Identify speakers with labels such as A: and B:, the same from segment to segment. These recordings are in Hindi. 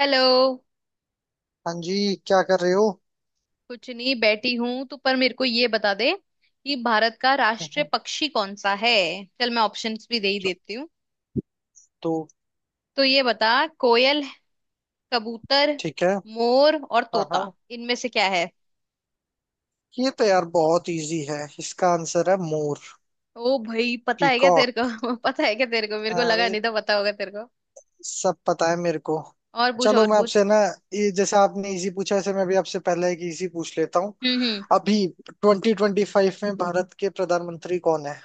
A: हेलो।
B: हाँ जी, क्या कर रहे हो।
A: कुछ नहीं, बैठी हूं। तू पर मेरे को ये बता दे कि भारत का राष्ट्रीय
B: हम्म।
A: पक्षी कौन सा है। चल मैं ऑप्शंस भी दे ही देती हूँ।
B: तो
A: तो ये बता, कोयल, कबूतर,
B: ठीक है।
A: मोर और
B: हाँ
A: तोता,
B: हाँ,
A: इनमें से क्या है।
B: ये तो यार बहुत इजी है, इसका आंसर है मोर।
A: ओ भाई, पता है क्या तेरे
B: पीकॉक।
A: को पता है क्या तेरे को। मेरे को लगा
B: अरे,
A: नहीं था पता होगा तेरे को।
B: सब पता है मेरे को।
A: और पूछ,
B: चलो
A: और
B: मैं
A: पूछ।
B: आपसे ना, ये जैसे आपने इजी पूछा, ऐसे मैं भी आपसे पहले एक इजी पूछ लेता हूँ।
A: हम्म हम्म
B: अभी 2025 में भारत के प्रधानमंत्री कौन है।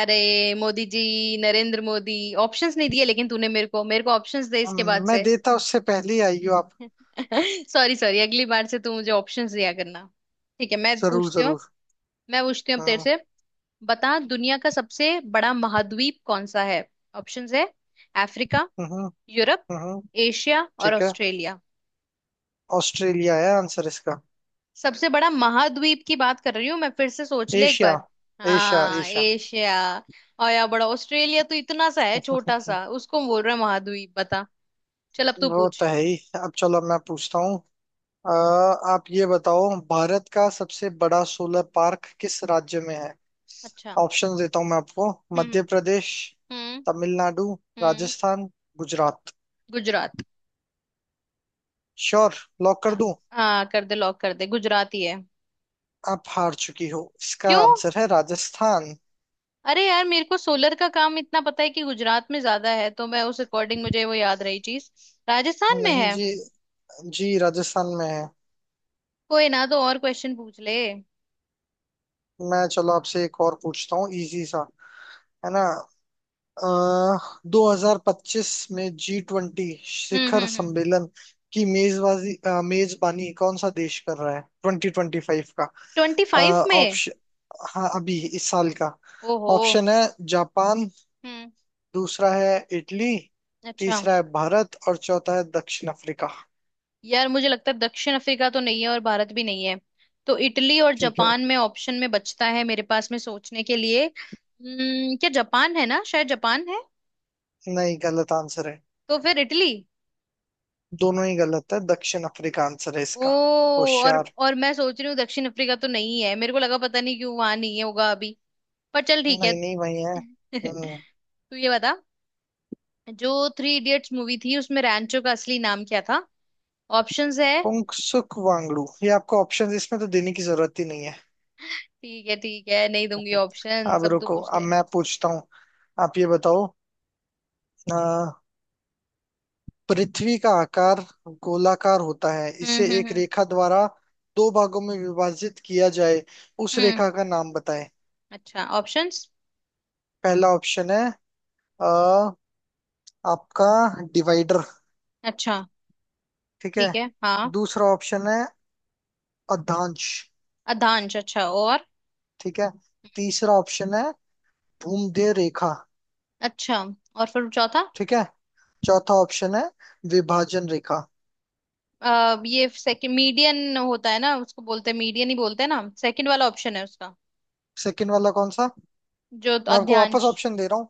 A: अरे मोदी जी, नरेंद्र मोदी। ऑप्शंस नहीं दिए लेकिन तूने मेरे को ऑप्शंस दे इसके बाद
B: मैं
A: से।
B: देता उससे पहले ही आई हो आप।
A: सॉरी सॉरी, अगली बार से तू मुझे ऑप्शंस दिया करना। ठीक है, मैं
B: जरूर
A: पूछती हूँ।
B: जरूर।
A: मैं पूछती हूँ अब तेरे
B: हाँ,
A: से। बता, दुनिया का सबसे बड़ा महाद्वीप कौन सा है। ऑप्शंस है, अफ्रीका,
B: हम्म,
A: यूरोप,
B: हम्म,
A: एशिया और
B: ठीक है।
A: ऑस्ट्रेलिया।
B: ऑस्ट्रेलिया है आंसर इसका।
A: सबसे बड़ा महाद्वीप की बात कर रही हूँ मैं, फिर से सोच ले एक
B: एशिया
A: बार।
B: एशिया
A: हाँ,
B: एशिया।
A: एशिया। और या बड़ा ऑस्ट्रेलिया तो इतना सा है, छोटा सा, उसको बोल रहा है महाद्वीप। बता, चल अब तू
B: वो तो
A: पूछ।
B: है ही। अब चलो मैं पूछता हूँ। अ, आप ये बताओ, भारत का सबसे बड़ा सोलर पार्क किस राज्य में है।
A: अच्छा।
B: ऑप्शन देता हूँ मैं आपको।
A: हम्म
B: मध्य प्रदेश,
A: हम्म
B: तमिलनाडु,
A: हम्म
B: राजस्थान, गुजरात।
A: गुजरात
B: श्योर। लॉक कर
A: हाँ।
B: दूं।
A: हाँ, कर दे, लॉक कर दे, गुजराती है।
B: आप हार चुकी हो, इसका
A: क्यों?
B: आंसर है राजस्थान।
A: अरे यार, मेरे को सोलर का काम इतना पता है कि गुजरात में ज्यादा है, तो मैं उस अकॉर्डिंग, मुझे वो याद रही चीज। राजस्थान में
B: नहीं
A: है?
B: जी। जी राजस्थान में है।
A: कोई ना, तो और क्वेश्चन पूछ ले।
B: मैं चलो आपसे एक और पूछता हूँ, इजी सा, है ना। 2025 में जी ट्वेंटी
A: हम्म
B: शिखर
A: हम्म हम्म
B: सम्मेलन की मेजबानी कौन सा देश कर रहा है, 2025 का।
A: ट्वेंटी फाइव में?
B: ऑप्शन। हाँ अभी इस साल का।
A: ओहो।
B: ऑप्शन है जापान,
A: हम्म।
B: दूसरा है इटली,
A: अच्छा।
B: तीसरा है भारत और चौथा है दक्षिण अफ्रीका।
A: यार, मुझे लगता है दक्षिण अफ्रीका तो नहीं है और भारत भी नहीं है। तो इटली और
B: ठीक है।
A: जापान में ऑप्शन में बचता है मेरे पास में सोचने के लिए। हम्म, क्या जापान है ना, शायद जापान है।
B: नहीं, गलत आंसर है।
A: तो फिर इटली।
B: दोनों ही गलत है, दक्षिण अफ्रीका आंसर है
A: ओ।
B: इसका। होशियार।
A: और मैं सोच रही हूँ दक्षिण अफ्रीका तो नहीं है, मेरे को लगा, पता नहीं क्यों, वहां नहीं है होगा अभी। पर चल ठीक है।
B: नहीं नहीं, वही है। हम्म,
A: तू ये बता, जो थ्री इडियट्स मूवी थी उसमें रैंचो का असली नाम क्या था। ऑप्शंस है।
B: पुंगसुक वांगडू, ये आपको ऑप्शन इसमें तो देने की जरूरत ही नहीं है।
A: ठीक है ठीक है, नहीं दूंगी ऑप्शन,
B: अब
A: सब तो
B: रुको,
A: पूछ
B: अब
A: ले।
B: मैं पूछता हूँ। आप ये बताओ। अ, पृथ्वी का आकार गोलाकार होता है,
A: हम्म
B: इसे
A: हम्म
B: एक
A: हम्म
B: रेखा द्वारा दो भागों में विभाजित किया जाए, उस
A: हम्म,
B: रेखा का नाम बताएं।
A: अच्छा ऑप्शंस।
B: पहला ऑप्शन है अ, आपका डिवाइडर।
A: अच्छा।
B: ठीक है।
A: ठीक है हाँ।
B: दूसरा ऑप्शन है अधांश।
A: अधांश, अच्छा, और?
B: ठीक है। तीसरा ऑप्शन है भूमध्य रेखा।
A: अच्छा, और फिर चौथा?
B: ठीक है। चौथा ऑप्शन है विभाजन रेखा।
A: ये सेकंड, मीडियन होता है ना, उसको बोलते हैं, मीडियन ही बोलते हैं ना, सेकंड वाला ऑप्शन है उसका,
B: सेकंड वाला कौन सा।
A: जो
B: मैं आपको वापस
A: अध्यांश।
B: ऑप्शन दे रहा हूँ।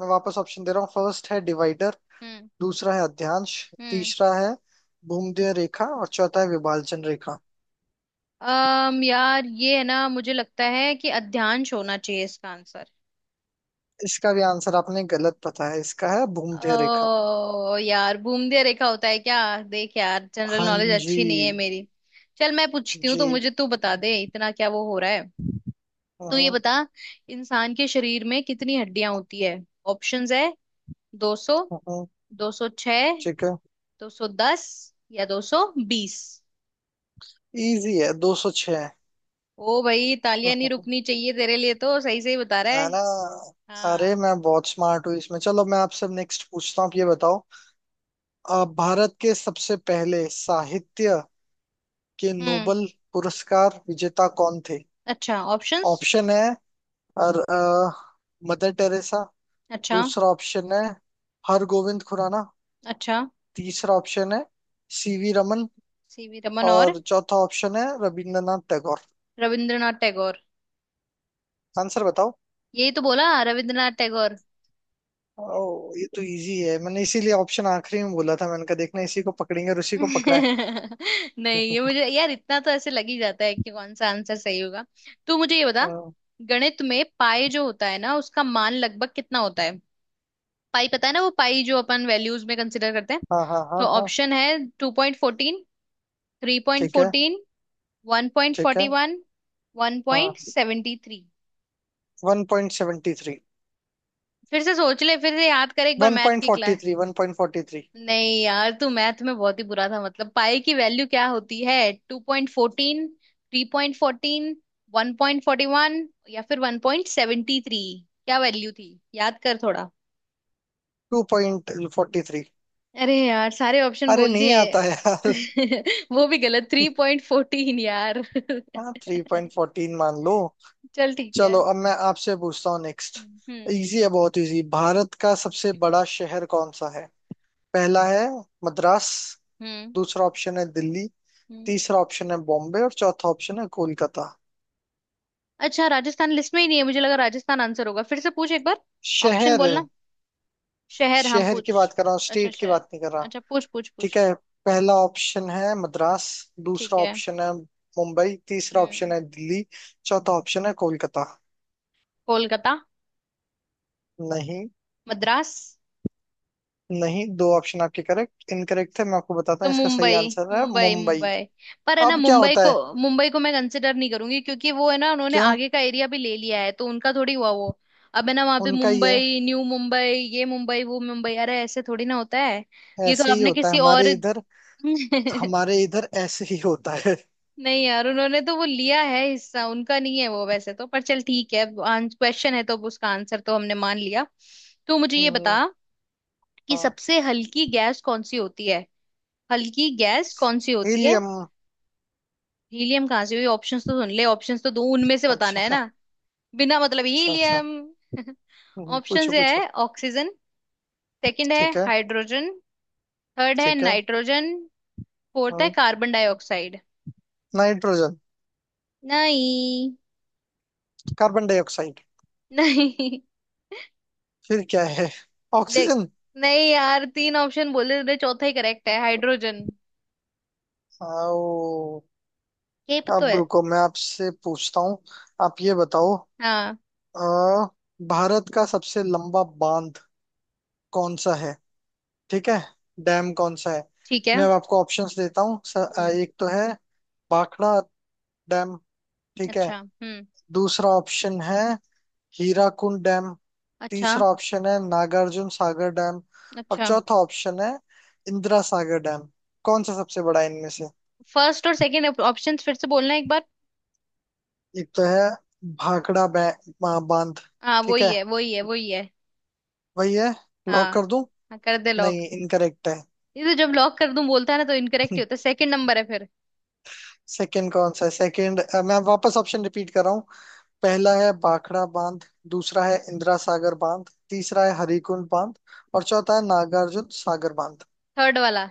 B: मैं वापस ऑप्शन दे रहा हूँ, फर्स्ट है डिवाइडर,
A: हम्म
B: दूसरा है अध्यांश,
A: हम्म
B: तीसरा है भूमध्य रेखा और चौथा है विभाजन रेखा।
A: अम यार, ये है ना, मुझे लगता है कि अध्यांश होना चाहिए इसका आंसर।
B: इसका भी आंसर आपने गलत बताया, इसका है भूमध्य रेखा।
A: ओ यार, भूमध्य रेखा होता है क्या? देख यार, जनरल
B: हाँ।
A: नॉलेज
B: जी।
A: अच्छी नहीं है मेरी। चल, मैं पूछती हूँ तो
B: जी।
A: मुझे तू बता दे, इतना क्या वो हो रहा है। तू ये
B: हम्म,
A: बता, इंसान के शरीर में कितनी हड्डियां होती है। ऑप्शंस है, 200,
B: हम्म,
A: 206,
B: ठीक है,
A: 210 या 220।
B: इजी है, 206 है।
A: ओ भाई, तालियां नहीं रुकनी चाहिए तेरे लिए तो, सही सही बता रहा है।
B: ना। अरे
A: हाँ।
B: मैं बहुत स्मार्ट हूँ इसमें। चलो मैं आपसे नेक्स्ट पूछता हूँ, आप ये बताओ। भारत के सबसे पहले साहित्य के
A: हम्म,
B: नोबल पुरस्कार विजेता कौन थे।
A: अच्छा ऑप्शंस।
B: ऑप्शन है और मदर टेरेसा,
A: अच्छा।
B: दूसरा ऑप्शन है हरगोविंद खुराना,
A: अच्छा,
B: तीसरा ऑप्शन है सीवी रमन
A: सीवी रमन, और?
B: और चौथा ऑप्शन है रविंद्रनाथ टैगोर।
A: रविंद्रनाथ टैगोर।
B: आंसर बताओ।
A: यही तो बोला, रविंद्रनाथ टैगोर।
B: ओ, ये तो इजी है। मैंने इसीलिए ऑप्शन आखिरी में बोला था, मैंने कहा देखना इसी को पकड़ेंगे और उसी को पकड़ा है।
A: नहीं, ये मुझे यार इतना तो ऐसे लग ही जाता है कि कौन सा आंसर सही होगा। तू मुझे ये बता,
B: हाँ
A: गणित में पाई जो होता है ना, उसका मान लगभग कितना होता है। पाई पता है ना, वो पाई जो अपन वैल्यूज में कंसिडर करते हैं।
B: हाँ हाँ हाँ,
A: तो
B: हाँ,
A: ऑप्शन है, two point fourteen, three point
B: ठीक है।
A: फोर्टीन, वन पॉइंट
B: ठीक है।
A: फोर्टी वन, वन
B: हाँ,
A: पॉइंट सेवेंटी थ्री।
B: 1.73।
A: फिर से सोच ले, फिर से याद कर एक बार
B: वन
A: मैथ
B: पॉइंट
A: की
B: फोर्टी
A: क्लास।
B: थ्री 1.43।
A: नहीं यार, तू मैथ में बहुत ही बुरा था। मतलब, पाई की वैल्यू क्या होती है? Two point fourteen, three point fourteen, one point forty one या फिर वन पॉइंट सेवेंटी थ्री, क्या वैल्यू थी, याद कर थोड़ा।
B: 2.43।
A: अरे यार, सारे ऑप्शन
B: अरे
A: बोल
B: नहीं
A: दिए
B: आता है यार।
A: वो भी गलत, थ्री पॉइंट फोर्टीन यार।
B: हाँ, 3.14 मान लो।
A: चल ठीक है।
B: चलो अब मैं आपसे पूछता हूँ नेक्स्ट।
A: हम्म
B: इजी है, बहुत इजी। भारत का सबसे बड़ा शहर कौन सा है। पहला है मद्रास,
A: हम्म
B: दूसरा ऑप्शन है दिल्ली,
A: हम्म
B: तीसरा ऑप्शन है बॉम्बे और चौथा ऑप्शन है कोलकाता।
A: अच्छा राजस्थान लिस्ट में ही नहीं है, मुझे लगा राजस्थान आंसर होगा। फिर से पूछ एक बार। ऑप्शन
B: शहर।
A: बोलना, शहर? हाँ
B: शहर की बात
A: पूछ।
B: कर रहा हूँ,
A: अच्छा,
B: स्टेट की बात
A: शहर।
B: नहीं कर रहा।
A: अच्छा, पूछ पूछ
B: ठीक
A: पूछ।
B: है, पहला ऑप्शन है मद्रास,
A: ठीक
B: दूसरा
A: है।
B: ऑप्शन है मुंबई, तीसरा ऑप्शन
A: हम्म।
B: है दिल्ली, चौथा ऑप्शन है कोलकाता।
A: कोलकाता।
B: नहीं।
A: मद्रास।
B: नहीं, दो ऑप्शन आपके करेक्ट इनकरेक्ट थे, मैं आपको बताता
A: तो
B: हूँ, इसका सही
A: मुंबई,
B: आंसर है
A: मुंबई,
B: मुंबई।
A: मुंबई। पर है ना,
B: अब क्या
A: मुंबई
B: होता
A: को,
B: है।
A: मुंबई को मैं कंसिडर नहीं करूंगी, क्योंकि वो है ना, उन्होंने
B: क्यों।
A: आगे का एरिया भी ले लिया है, तो उनका थोड़ी हुआ वो। अब है ना, वहां पे
B: उनका ही है।
A: मुंबई, न्यू मुंबई, ये मुंबई, वो मुंबई, अरे ऐसे थोड़ी ना होता है। ये तो
B: ऐसे ही
A: आपने
B: होता है
A: किसी
B: हमारे
A: और।
B: इधर। हमारे इधर ऐसे ही होता है।
A: नहीं यार, उन्होंने तो वो लिया है हिस्सा, उनका नहीं है वो वैसे तो। पर चल ठीक है, क्वेश्चन है तो अब उसका आंसर तो हमने मान लिया। तो मुझे ये
B: हम्म,
A: बता कि
B: हाँ,
A: सबसे हल्की गैस कौन सी होती है। हल्की गैस कौन सी होती है।
B: हीलियम।
A: हीलियम कहाँ से हुई, ऑप्शंस तो सुन ले, ऑप्शंस तो दो, उनमें से बताना है
B: अच्छा।
A: ना, बिना मतलब
B: अच्छा। अच्छा।
A: हीलियम। ऑप्शंस
B: पूछो
A: ये
B: पूछो।
A: है, ऑक्सीजन, सेकंड है
B: ठीक है।
A: हाइड्रोजन, थर्ड है
B: ठीक है।
A: नाइट्रोजन, फोर्थ है
B: हाँ,
A: कार्बन डाइऑक्साइड।
B: नाइट्रोजन।
A: नहीं।
B: Carbon dioxide.
A: नहीं।
B: फिर क्या है।
A: देख,
B: ऑक्सीजन।
A: नहीं यार, तीन ऑप्शन बोले थे, चौथा ही करेक्ट है, हाइड्रोजन
B: आओ।
A: ये तो
B: अब
A: है।
B: रुको, मैं आपसे पूछता हूँ। आप ये बताओ।
A: हाँ।
B: अ, भारत का सबसे लंबा बांध कौन सा है। ठीक है, डैम कौन सा है।
A: ठीक
B: मैं
A: है।
B: अब आपको ऑप्शंस देता हूँ।
A: हम्म
B: एक तो है भाखड़ा डैम। ठीक है।
A: अच्छा।
B: दूसरा ऑप्शन है हीराकुंड डैम,
A: अच्छा,
B: तीसरा ऑप्शन है नागार्जुन सागर डैम और
A: अच्छा।
B: चौथा ऑप्शन है इंदिरा सागर डैम। कौन सा सबसे बड़ा है इनमें से।
A: फर्स्ट और सेकंड ऑप्शंस फिर से बोलना एक बार।
B: एक तो है भाखड़ा बांध।
A: हाँ
B: ठीक
A: वही
B: है,
A: है वही है वही है।
B: वही है। लॉक
A: हाँ,
B: कर दूं।
A: हाँ कर दे लॉक।
B: नहीं इनकरेक्ट है।
A: ये तो जब लॉक कर दूं बोलता है ना, तो इनकरेक्ट ही होता है। सेकंड नंबर है फिर।
B: सेकंड कौन सा है सेकंड। मैं वापस ऑप्शन रिपीट कर रहा हूँ। पहला है भाखड़ा बांध, दूसरा है इंदिरा सागर बांध, तीसरा है हरिकुंड बांध और चौथा है नागार्जुन सागर बांध।
A: थर्ड वाला।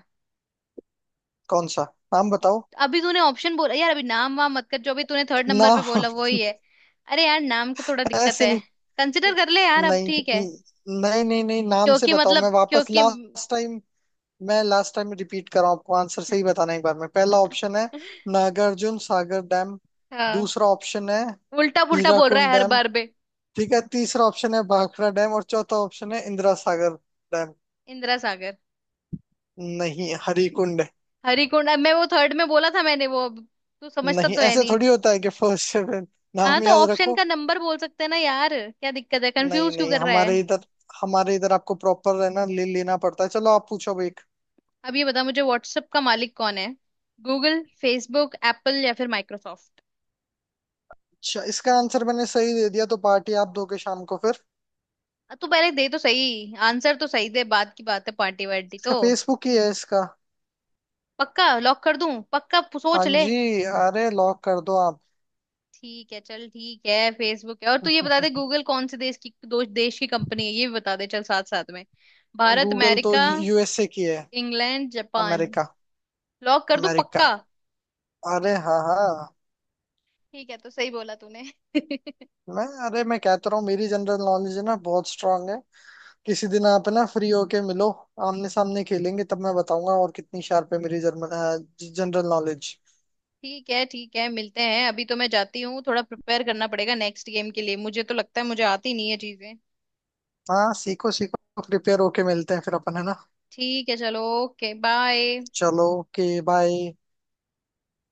B: कौन सा। नाम बताओ।
A: अभी तूने ऑप्शन बोला यार, अभी नाम वाम मत कर, जो अभी तूने थर्ड नंबर पे
B: नाम।
A: बोला वही है। अरे यार, नाम का थोड़ा दिक्कत
B: ऐसे
A: है,
B: नहीं।
A: कंसिडर कर ले यार अब,
B: नहीं
A: ठीक है।
B: नहीं नहीं नहीं, नाम से
A: क्योंकि
B: बताओ, मैं
A: मतलब
B: वापस
A: क्योंकि
B: लास्ट टाइम। मैं लास्ट टाइम रिपीट कर रहा हूँ आपको, आंसर सही बताना है एक बार में। पहला ऑप्शन है नागार्जुन सागर डैम,
A: हाँ
B: दूसरा ऑप्शन है
A: उल्टा पुल्टा बोल रहा
B: हीराकुंड
A: है हर
B: डैम,
A: बार बे।
B: ठीक है, तीसरा ऑप्शन है भाखड़ा डैम और चौथा ऑप्शन है इंदिरा सागर डैम।
A: इंदिरा सागर।
B: नहीं हरिकुंड है।
A: हरिकुंड? अब मैं वो थर्ड में बोला था मैंने, वो अब तू समझता
B: नहीं
A: तो है
B: ऐसे
A: नहीं।
B: थोड़ी होता है कि फर्स्ट सेवन,
A: हाँ,
B: नाम
A: तो
B: याद
A: ऑप्शन
B: रखो।
A: का नंबर बोल सकते हैं ना यार, क्या दिक्कत है,
B: नहीं
A: कंफ्यूज क्यों
B: नहीं,
A: कर रहा है।
B: हमारे इधर, हमारे इधर आपको प्रॉपर है ना, ले लेना पड़ता है। चलो आप पूछो अब एक।
A: अब ये बता मुझे, व्हाट्सएप का मालिक कौन है, गूगल, फेसबुक, एप्पल या फिर माइक्रोसॉफ्ट।
B: अच्छा, इसका आंसर मैंने सही दे दिया तो पार्टी आप दोगे शाम को फिर।
A: तू पहले दे तो सही आंसर, तो सही दे, बाद की बात है पार्टी वार्टी
B: इसका
A: तो।
B: फेसबुक ही है इसका।
A: पक्का? लॉक कर दूं? पक्का
B: हाँ
A: सोच ले।
B: जी, अरे लॉक कर दो आप।
A: ठीक है, चल ठीक है, फेसबुक है। और तू ये बता दे, गूगल कौन से देश की, दो देश की कंपनी है, ये भी बता दे, चल साथ साथ में। भारत,
B: गूगल तो
A: अमेरिका,
B: यूएसए की है।
A: England, Japan.
B: अमेरिका।
A: लॉक कर दूं
B: अमेरिका।
A: पक्का?
B: अरे हाँ हाँ।
A: ठीक है, तो सही बोला तूने।
B: मैं अरे, मैं कहता रहा हूँ मेरी जनरल नॉलेज है ना, बहुत स्ट्रांग है। किसी दिन आप ना फ्री होके मिलो, आमने सामने खेलेंगे, तब मैं बताऊंगा और कितनी शार्प है मेरी जर्मन जनरल नॉलेज।
A: ठीक है ठीक है, मिलते हैं। अभी तो मैं जाती हूँ, थोड़ा प्रिपेयर करना पड़ेगा नेक्स्ट गेम के लिए, मुझे तो लगता है मुझे आती नहीं है चीजें।
B: हाँ सीखो सीखो, प्रिपेयर होके मिलते हैं फिर अपन, है ना।
A: ठीक है, चलो ओके बाय।
B: चलो ओके बाय।